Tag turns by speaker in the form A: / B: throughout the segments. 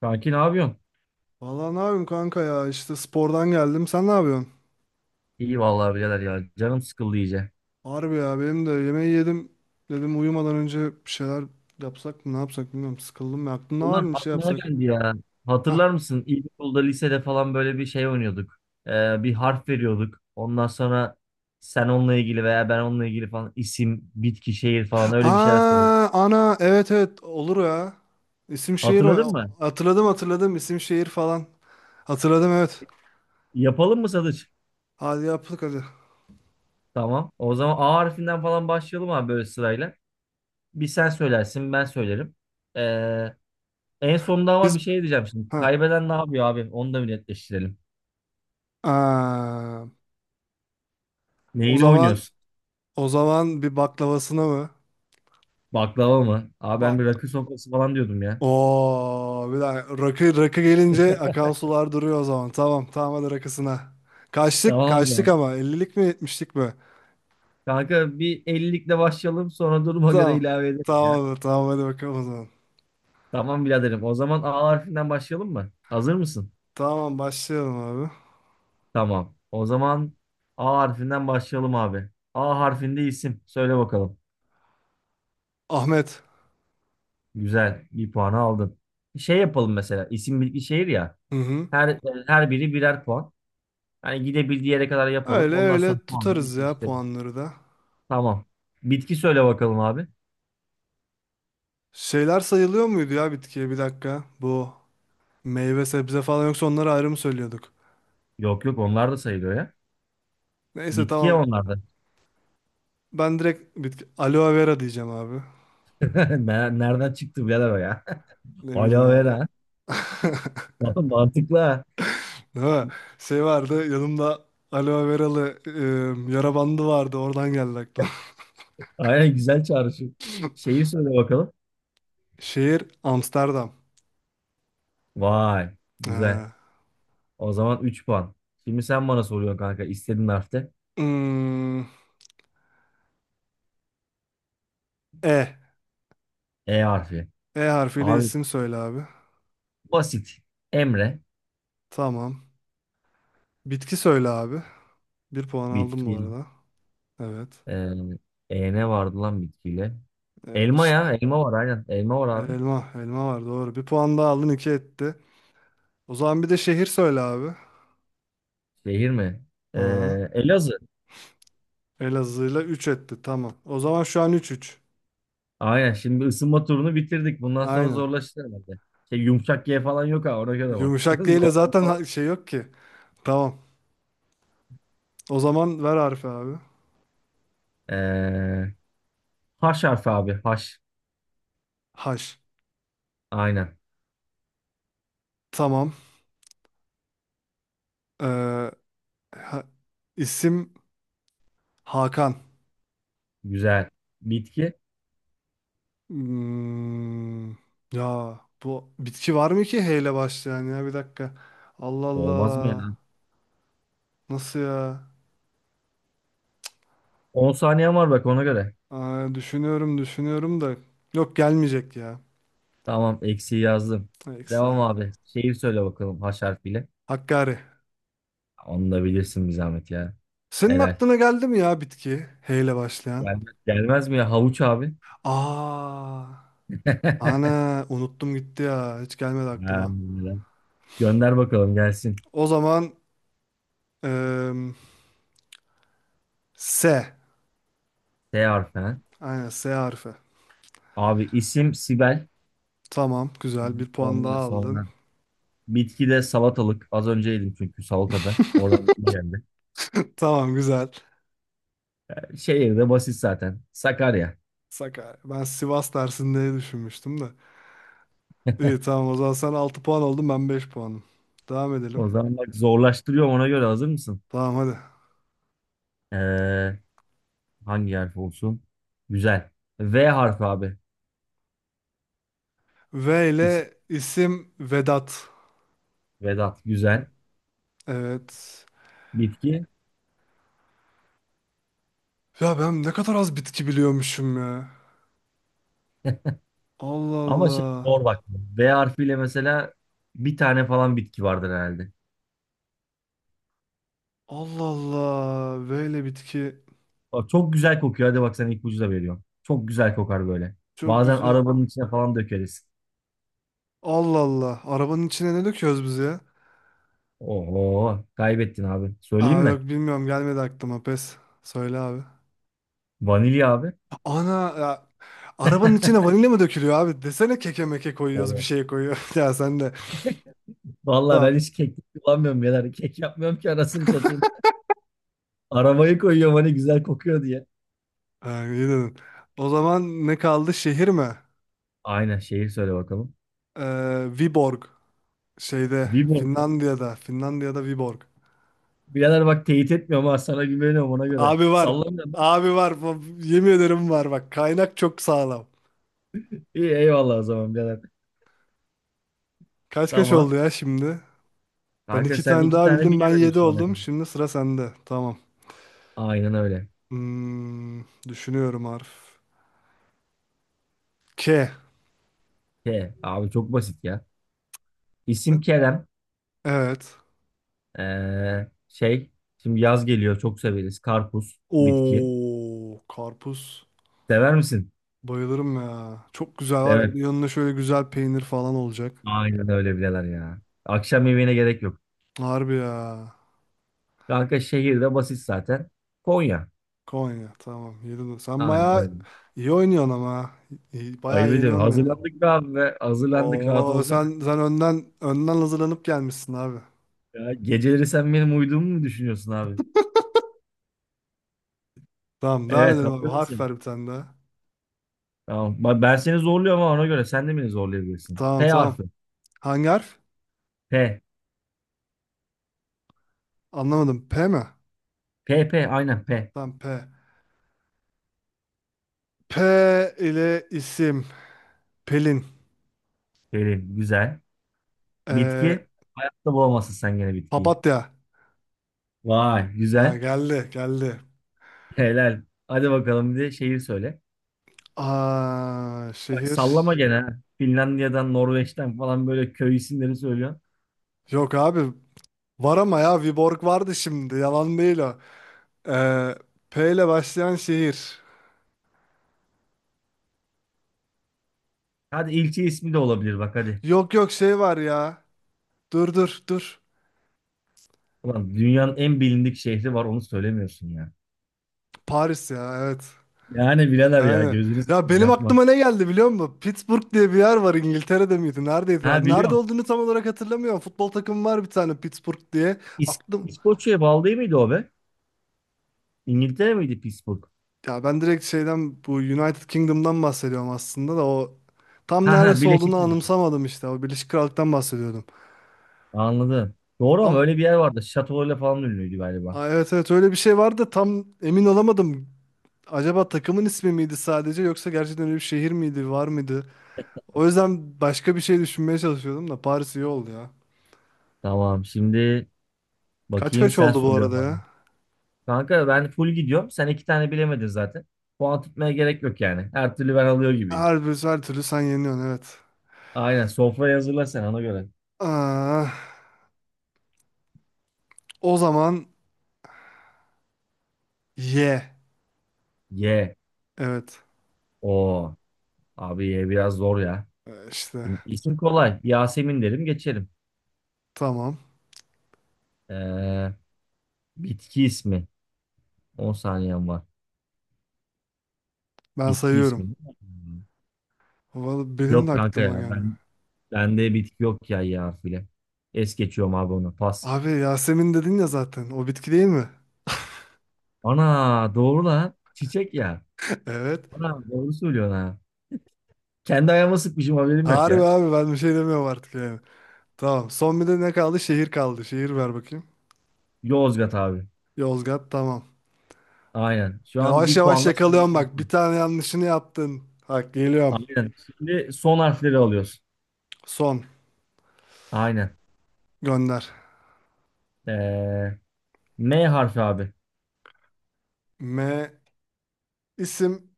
A: Kanki ne yapıyorsun?
B: Valla ne yapayım kanka ya işte spordan geldim. Sen ne yapıyorsun?
A: İyi vallahi birader ya. Canım sıkıldı iyice.
B: Harbi ya benim de yemeği yedim. Dedim uyumadan önce bir şeyler yapsak mı ne yapsak bilmiyorum. Sıkıldım ya. Aklında var
A: Ulan
B: mı bir şey
A: aklıma
B: yapsak?
A: geldi ya.
B: Hah.
A: Hatırlar mısın? İlkokulda, lisede falan böyle bir şey oynuyorduk. Bir harf veriyorduk. Ondan sonra sen onunla ilgili veya ben onunla ilgili falan isim, bitki, şehir falan öyle bir şeyler söylüyorduk.
B: Aa, ana evet evet olur ya. İsim şehir
A: Hatırladın mı?
B: hatırladım isim şehir falan. Hatırladım evet.
A: Yapalım mı Sadıç?
B: Hadi yaptık hadi.
A: Tamam. O zaman A harfinden falan başlayalım abi böyle sırayla. Bir sen söylersin, ben söylerim. Ee, en sonunda ama bir
B: Biz
A: şey diyeceğim şimdi.
B: ha.
A: Kaybeden ne yapıyor abi? Onu da bir netleştirelim.
B: Aa, o
A: Neyini
B: zaman
A: oynuyorsun?
B: o zaman bir baklavasına mı?
A: Baklava mı? Abi ben
B: Bak.
A: bir rakı sofrası falan diyordum ya.
B: Oo, bir dakika. Rakı, rakı gelince akan sular duruyor o zaman. Tamam tamam hadi rakısına. Kaçtık
A: Tamam o
B: kaçtık
A: zaman.
B: ama ellilik mi yetmişlik mi?
A: Kanka bir 50'likle başlayalım sonra duruma göre
B: Tamam.
A: ilave ederiz ya.
B: Tamam tamam hadi bakalım o zaman.
A: Tamam biraderim. O zaman A harfinden başlayalım mı? Hazır mısın?
B: Tamam başlayalım abi.
A: Tamam. O zaman A harfinden başlayalım abi. A harfinde isim. Söyle bakalım.
B: Ahmet.
A: Güzel. Bir puanı aldın. Şey yapalım mesela. İsim bilgi şehir ya.
B: Hı hı.
A: Her her biri birer puan. Yani gidebildiği yere kadar yapalım.
B: Öyle
A: Ondan sonra
B: öyle
A: puanları
B: tutarız ya
A: eşleştirelim.
B: puanları da.
A: Tamam. Bitki söyle bakalım abi.
B: Şeyler sayılıyor muydu ya bitkiye bir dakika. Bu meyve sebze falan yoksa onları ayrı mı söylüyorduk?
A: Yok yok onlar da sayılıyor ya.
B: Neyse
A: Bitki ya
B: tamam.
A: onlar da.
B: Ben direkt bitki aloe vera diyeceğim abi.
A: Nereden çıktı birader o ya?
B: Ne bileyim
A: Aloe
B: abi.
A: vera. Vallahi mantıklı ha.
B: Ha, şey vardı yanımda aloe veralı yara bandı vardı oradan geldi aklıma.
A: Aynen güzel çağrışım. Şeyi söyle bakalım.
B: Şehir Amsterdam.
A: Vay güzel.
B: Ha.
A: O zaman 3 puan. Şimdi sen bana soruyorsun kanka istediğin harfte.
B: Hmm, E.
A: E harfi.
B: E harfiyle
A: Abi
B: isim söyle abi.
A: basit. Emre.
B: Tamam. Bitki söyle abi. Bir puan aldım bu
A: Bitki.
B: arada. Evet.
A: Ee, e ne vardı lan bitkiyle?
B: E,
A: Elma
B: işte
A: ya. Elma var aynen. Elma var abi.
B: elma. Elma var doğru. Bir puan daha aldın iki etti. O zaman bir de şehir söyle abi.
A: Şehir mi? Ee,
B: Aha.
A: Elazığ.
B: Elazığ'la 3 etti tamam. O zaman şu an üç üç.
A: Aynen şimdi ısınma turunu bitirdik. Bundan sonra
B: Aynen.
A: zorlaşır herhalde. Şey yumuşak G falan yok ha ona göre bak.
B: Yumuşak değil de
A: Zorlama
B: zaten
A: falan.
B: şey yok ki. Tamam. O zaman ver harfi abi.
A: Ee, H harfi abi, haş.
B: Haş.
A: Aynen.
B: Tamam. Ee, ha- isim Hakan.
A: Güzel. Bitki.
B: Hmm, ya bu bitki var mı ki H ile başlayan ya bir dakika. Allah
A: Olmaz mı ya?
B: Allah. Nasıl ya?
A: 10 saniyen var bak ona göre.
B: Aa, düşünüyorum düşünüyorum da. Yok gelmeyecek ya.
A: Tamam eksiği yazdım.
B: Eksi.
A: Devam abi. Şeyi söyle bakalım haş harfiyle.
B: Hakkari.
A: Onu da bilirsin bir zahmet ya.
B: Senin
A: Helal.
B: aklına geldi mi ya bitki? H ile başlayan.
A: Gelmez mi ya havuç abi?
B: Aa, ana unuttum gitti ya. Hiç gelmedi
A: Ha,
B: aklıma.
A: helal. Gönder bakalım gelsin.
B: O zaman eee S.
A: T harfi ha.
B: Aynen S harfi.
A: Abi isim Sibel.
B: Tamam güzel bir puan daha
A: Ondan
B: aldın.
A: sonra bitkide salatalık. Az önce yedim çünkü salatada. Oradan aklıma geldi.
B: Tamam güzel.
A: Şehir de basit zaten. Sakarya.
B: Sakarya. Ben Sivas dersinde diye düşünmüştüm de. İyi tamam o zaman sen 6 puan oldun ben 5 puanım. Devam edelim.
A: O zaman bak zorlaştırıyorum ona göre, hazır mısın?
B: Tamam hadi.
A: Ee, hangi harf olsun? Güzel. V harfi abi.
B: V
A: İsim
B: ile isim Vedat.
A: Vedat. Güzel.
B: Evet.
A: Bitki.
B: Ya ben ne kadar az bitki biliyormuşum ya. Allah
A: Ama şey zor
B: Allah.
A: bak. V harfiyle mesela bir tane falan bitki vardır herhalde.
B: Allah Allah. V ile bitki.
A: Bak, çok güzel kokuyor. Hadi bak sen ipucu da veriyorum. Çok güzel kokar böyle.
B: Çok
A: Bazen
B: güzel.
A: arabanın içine falan dökeriz.
B: Allah Allah. Arabanın içine ne döküyoruz biz ya?
A: Oo kaybettin abi. Söyleyeyim
B: Aa yok
A: mi?
B: bilmiyorum gelmedi aklıma pes. Söyle abi.
A: Vanilya abi.
B: Ana ya, arabanın içine vanilya mı dökülüyor abi? Desene keke meke koyuyoruz bir
A: Oo.
B: şey koyuyor. ya sen de.
A: Vallahi
B: Tamam.
A: ben hiç kek kullanmıyorum birader. Kek yapmıyorum ki anasını satayım. Arabayı koyuyorum hani güzel kokuyor diye.
B: Ha, iyi dedin. O zaman ne kaldı? Şehir mi?
A: Aynen, şeyi söyle bakalım.
B: Viborg. Şeyde
A: Viborg.
B: Finlandiya'da. Finlandiya'da Viborg.
A: Birader bak teyit etmiyorum ha, sana güveniyorum ona göre.
B: Abi var.
A: Sallamıyorum.
B: Abi var. Yemin ederim var. Bak kaynak çok sağlam.
A: İyi eyvallah o zaman birader.
B: Kaç kaç oldu
A: Tamam.
B: ya şimdi? Ben
A: Kanka
B: iki
A: sen
B: tane
A: iki
B: daha
A: tane
B: bildim. Ben
A: bilemedin
B: yedi
A: şu ana
B: oldum.
A: kadar.
B: Şimdi sıra sende. Tamam.
A: Aynen öyle.
B: Hmm, düşünüyorum harf. K.
A: K. Abi çok basit ya. İsim Kerem.
B: Evet.
A: Ee, şey. Şimdi yaz geliyor çok severiz. Karpuz. Bitki.
B: Oo, karpuz.
A: Sever misin?
B: Bayılırım ya. Çok güzel var ya. Bir de
A: Evet.
B: yanına şöyle güzel peynir falan olacak.
A: Aynen öyle bileler ya. Akşam yemeğine gerek yok.
B: Harbi ya.
A: Kanka şehirde basit zaten. Konya.
B: Konya. Tamam. Yedin. Sen
A: Aynen
B: bayağı
A: öyle.
B: iyi oynuyorsun ama. Bayağı
A: Ayıp ediyorum.
B: yeniyorsun beni.
A: Hazırlandık be abi be. Hazırlandık rahat
B: Oo,
A: olsana.
B: sen önden önden hazırlanıp gelmişsin abi.
A: Ya, geceleri sen benim uyuduğumu mu düşünüyorsun abi?
B: Tamam, devam
A: Evet,
B: edelim abi.
A: hazır
B: Harf
A: mısın?
B: ver bir tane daha.
A: Tamam. Bak ben seni zorluyorum ama ona göre sen de beni zorlayabilirsin.
B: Tamam,
A: P
B: tamam.
A: harfi.
B: Hangi harf?
A: P.
B: Anlamadım. P mi?
A: P aynen P.
B: Tamam, P. P ile isim. Pelin.
A: Pelin güzel.
B: Ee,
A: Bitki. Hayatta bulamazsın sen gene bitkiyi.
B: papatya.
A: Vay
B: Ha,
A: güzel.
B: geldi, geldi.
A: Helal. Hadi bakalım bir de şehir söyle.
B: Aa,
A: Bak
B: şehir.
A: sallama gene ha. Finlandiya'dan, Norveç'ten falan böyle köy isimleri söylüyorsun.
B: Yok abi. Var ama ya Viborg vardı şimdi. Yalan değil o. Ee, P ile başlayan şehir.
A: Hadi ilçe ismi de olabilir bak hadi.
B: Yok yok şey var ya. Dur dur dur.
A: Ulan dünyanın en bilindik şehri var onu söylemiyorsun ya.
B: Paris ya evet.
A: Yani birader ya,
B: Yani
A: gözünü
B: ya
A: seveyim
B: benim
A: yapma.
B: aklıma ne geldi biliyor musun? Pittsburgh diye bir yer var İngiltere'de miydi? Neredeydi?
A: Ha
B: Nerede
A: biliyorum.
B: olduğunu tam olarak hatırlamıyorum. Futbol takımı var bir tane Pittsburgh diye. Aklım
A: İskoçya'ya bağlı değil miydi o be? İngiltere miydi Pittsburgh?
B: Ya ben direkt şeyden bu United Kingdom'dan bahsediyorum aslında da o tam
A: Ha ha,
B: neresi olduğunu
A: Birleşik Krallık.
B: anımsamadım işte. O Birleşik Krallık'tan bahsediyordum.
A: Anladım. Doğru, ama
B: Ama
A: öyle bir yer vardı. Şatolarıyla falan ünlüydü galiba.
B: evet evet öyle bir şey vardı da tam emin olamadım. Acaba takımın ismi miydi sadece yoksa gerçekten öyle bir şehir miydi var mıydı? O yüzden başka bir şey düşünmeye çalışıyordum da Paris iyi oldu ya.
A: Tamam şimdi
B: Kaç
A: bakayım,
B: kaç
A: sen
B: oldu bu
A: söylüyorsun
B: arada
A: abi.
B: ya?
A: Kanka ben full gidiyorum. Sen iki tane bilemedin zaten. Puan tutmaya gerek yok yani. Her türlü ben alıyor gibiyim.
B: Her türlü sen yeniyorsun evet.
A: Aynen, sofrayı hazırla sen ona göre.
B: Aa o zaman ye.
A: Ye.
B: Evet.
A: O abi ye biraz zor ya.
B: İşte
A: Şimdi isim kolay. Yasemin derim geçerim.
B: tamam
A: Ee, bitki ismi. 10 saniyem var.
B: ben
A: Bitki ismi.
B: sayıyorum.
A: Hmm.
B: Vallahi benim de
A: Yok kanka
B: aklıma
A: ya,
B: gelmiyor.
A: bende bitki yok ya ya harfiyle. Es geçiyorum abi onu. Pas.
B: Abi Yasemin dedin ya zaten. O bitki değil mi?
A: Ana doğru lan. Çiçek ya.
B: Evet.
A: Ana doğru söylüyorsun ha. Kendi ayağıma sıkmışım haberim yok
B: Harbi
A: ya.
B: abi ben bir şey demiyorum artık yani. Tamam. Son bir de ne kaldı? Şehir kaldı. Şehir ver bakayım.
A: Yozgat abi.
B: Yozgat tamam.
A: Aynen. Şu an
B: Yavaş
A: bir
B: yavaş
A: puanla sen.
B: yakalıyorum bak. Bir tane yanlışını yaptın. Bak geliyorum.
A: Aynen. Şimdi son harfleri alıyoruz.
B: Son.
A: Aynen.
B: Gönder.
A: Ee, M harfi abi.
B: M. isim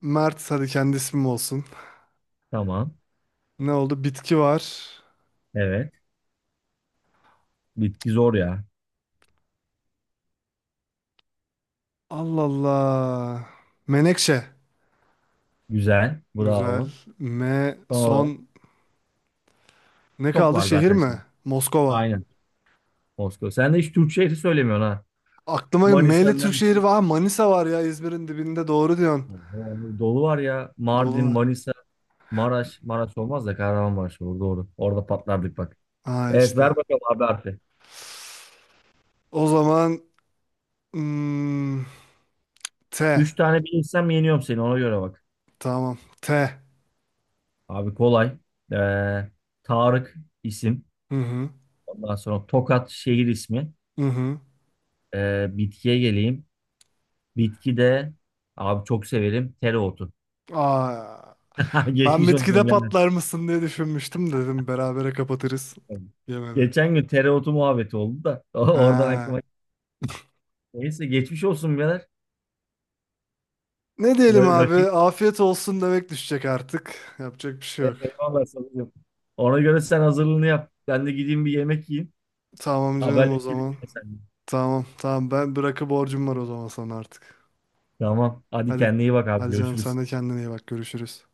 B: Mert. Hadi kendi ismim olsun.
A: Tamam.
B: Ne oldu? Bitki var.
A: Evet. Bitki zor ya.
B: Allah Allah. Menekşe.
A: Güzel.
B: Güzel.
A: Bravo.
B: M.
A: Son olarak
B: Son. Ne
A: çok
B: kaldı?
A: var
B: Şehir
A: zaten
B: mi?
A: şimdi.
B: Moskova.
A: Aynen. Moskova. Sen de hiç Türk şehri söylemiyorsun ha.
B: Aklıma
A: Manisa,
B: Meyli Türk şehri
A: Mersin.
B: var. Manisa var ya İzmir'in dibinde doğru diyorsun.
A: Oho, dolu var ya.
B: Dolu
A: Mardin,
B: var.
A: Manisa, Maraş. Maraş olmaz da Kahramanmaraş olur. Doğru. Orada patlardık bak.
B: Ha
A: Evet
B: işte.
A: ver bakalım abi harfi.
B: O zaman hmm, T.
A: Üç tane bilirsem yeniyorum seni. Ona göre bak.
B: Tamam. T.
A: Abi kolay. Ee, Tarık isim.
B: Hı hı.
A: Ondan sonra Tokat şehir ismi.
B: Hı hı.
A: Bitkiye geleyim. Bitki de abi çok severim, tereotu.
B: Aa, ben
A: Geçmiş
B: bitkide
A: olsun birader.
B: patlar mısın diye düşünmüştüm dedim. Berabere kapatırız. Yemedi.
A: Geçen gün tereotu muhabbeti oldu da oradan aklıma
B: Ha.
A: geldi. Neyse geçmiş olsun birader.
B: Ne diyelim abi?
A: Rakip
B: Afiyet olsun demek düşecek artık. Yapacak bir şey yok.
A: Eyvallah sana diyorum. Ona göre sen hazırlığını yap. Ben de gideyim bir yemek yiyeyim.
B: Tamam canım o
A: Haberleşelim
B: zaman.
A: yine seninle.
B: Tamam tamam ben bırakı borcum var o zaman sana artık.
A: Tamam. Hadi
B: Hadi,
A: kendine iyi bak abi.
B: hadi canım
A: Görüşürüz.
B: sen de kendine iyi bak. Görüşürüz.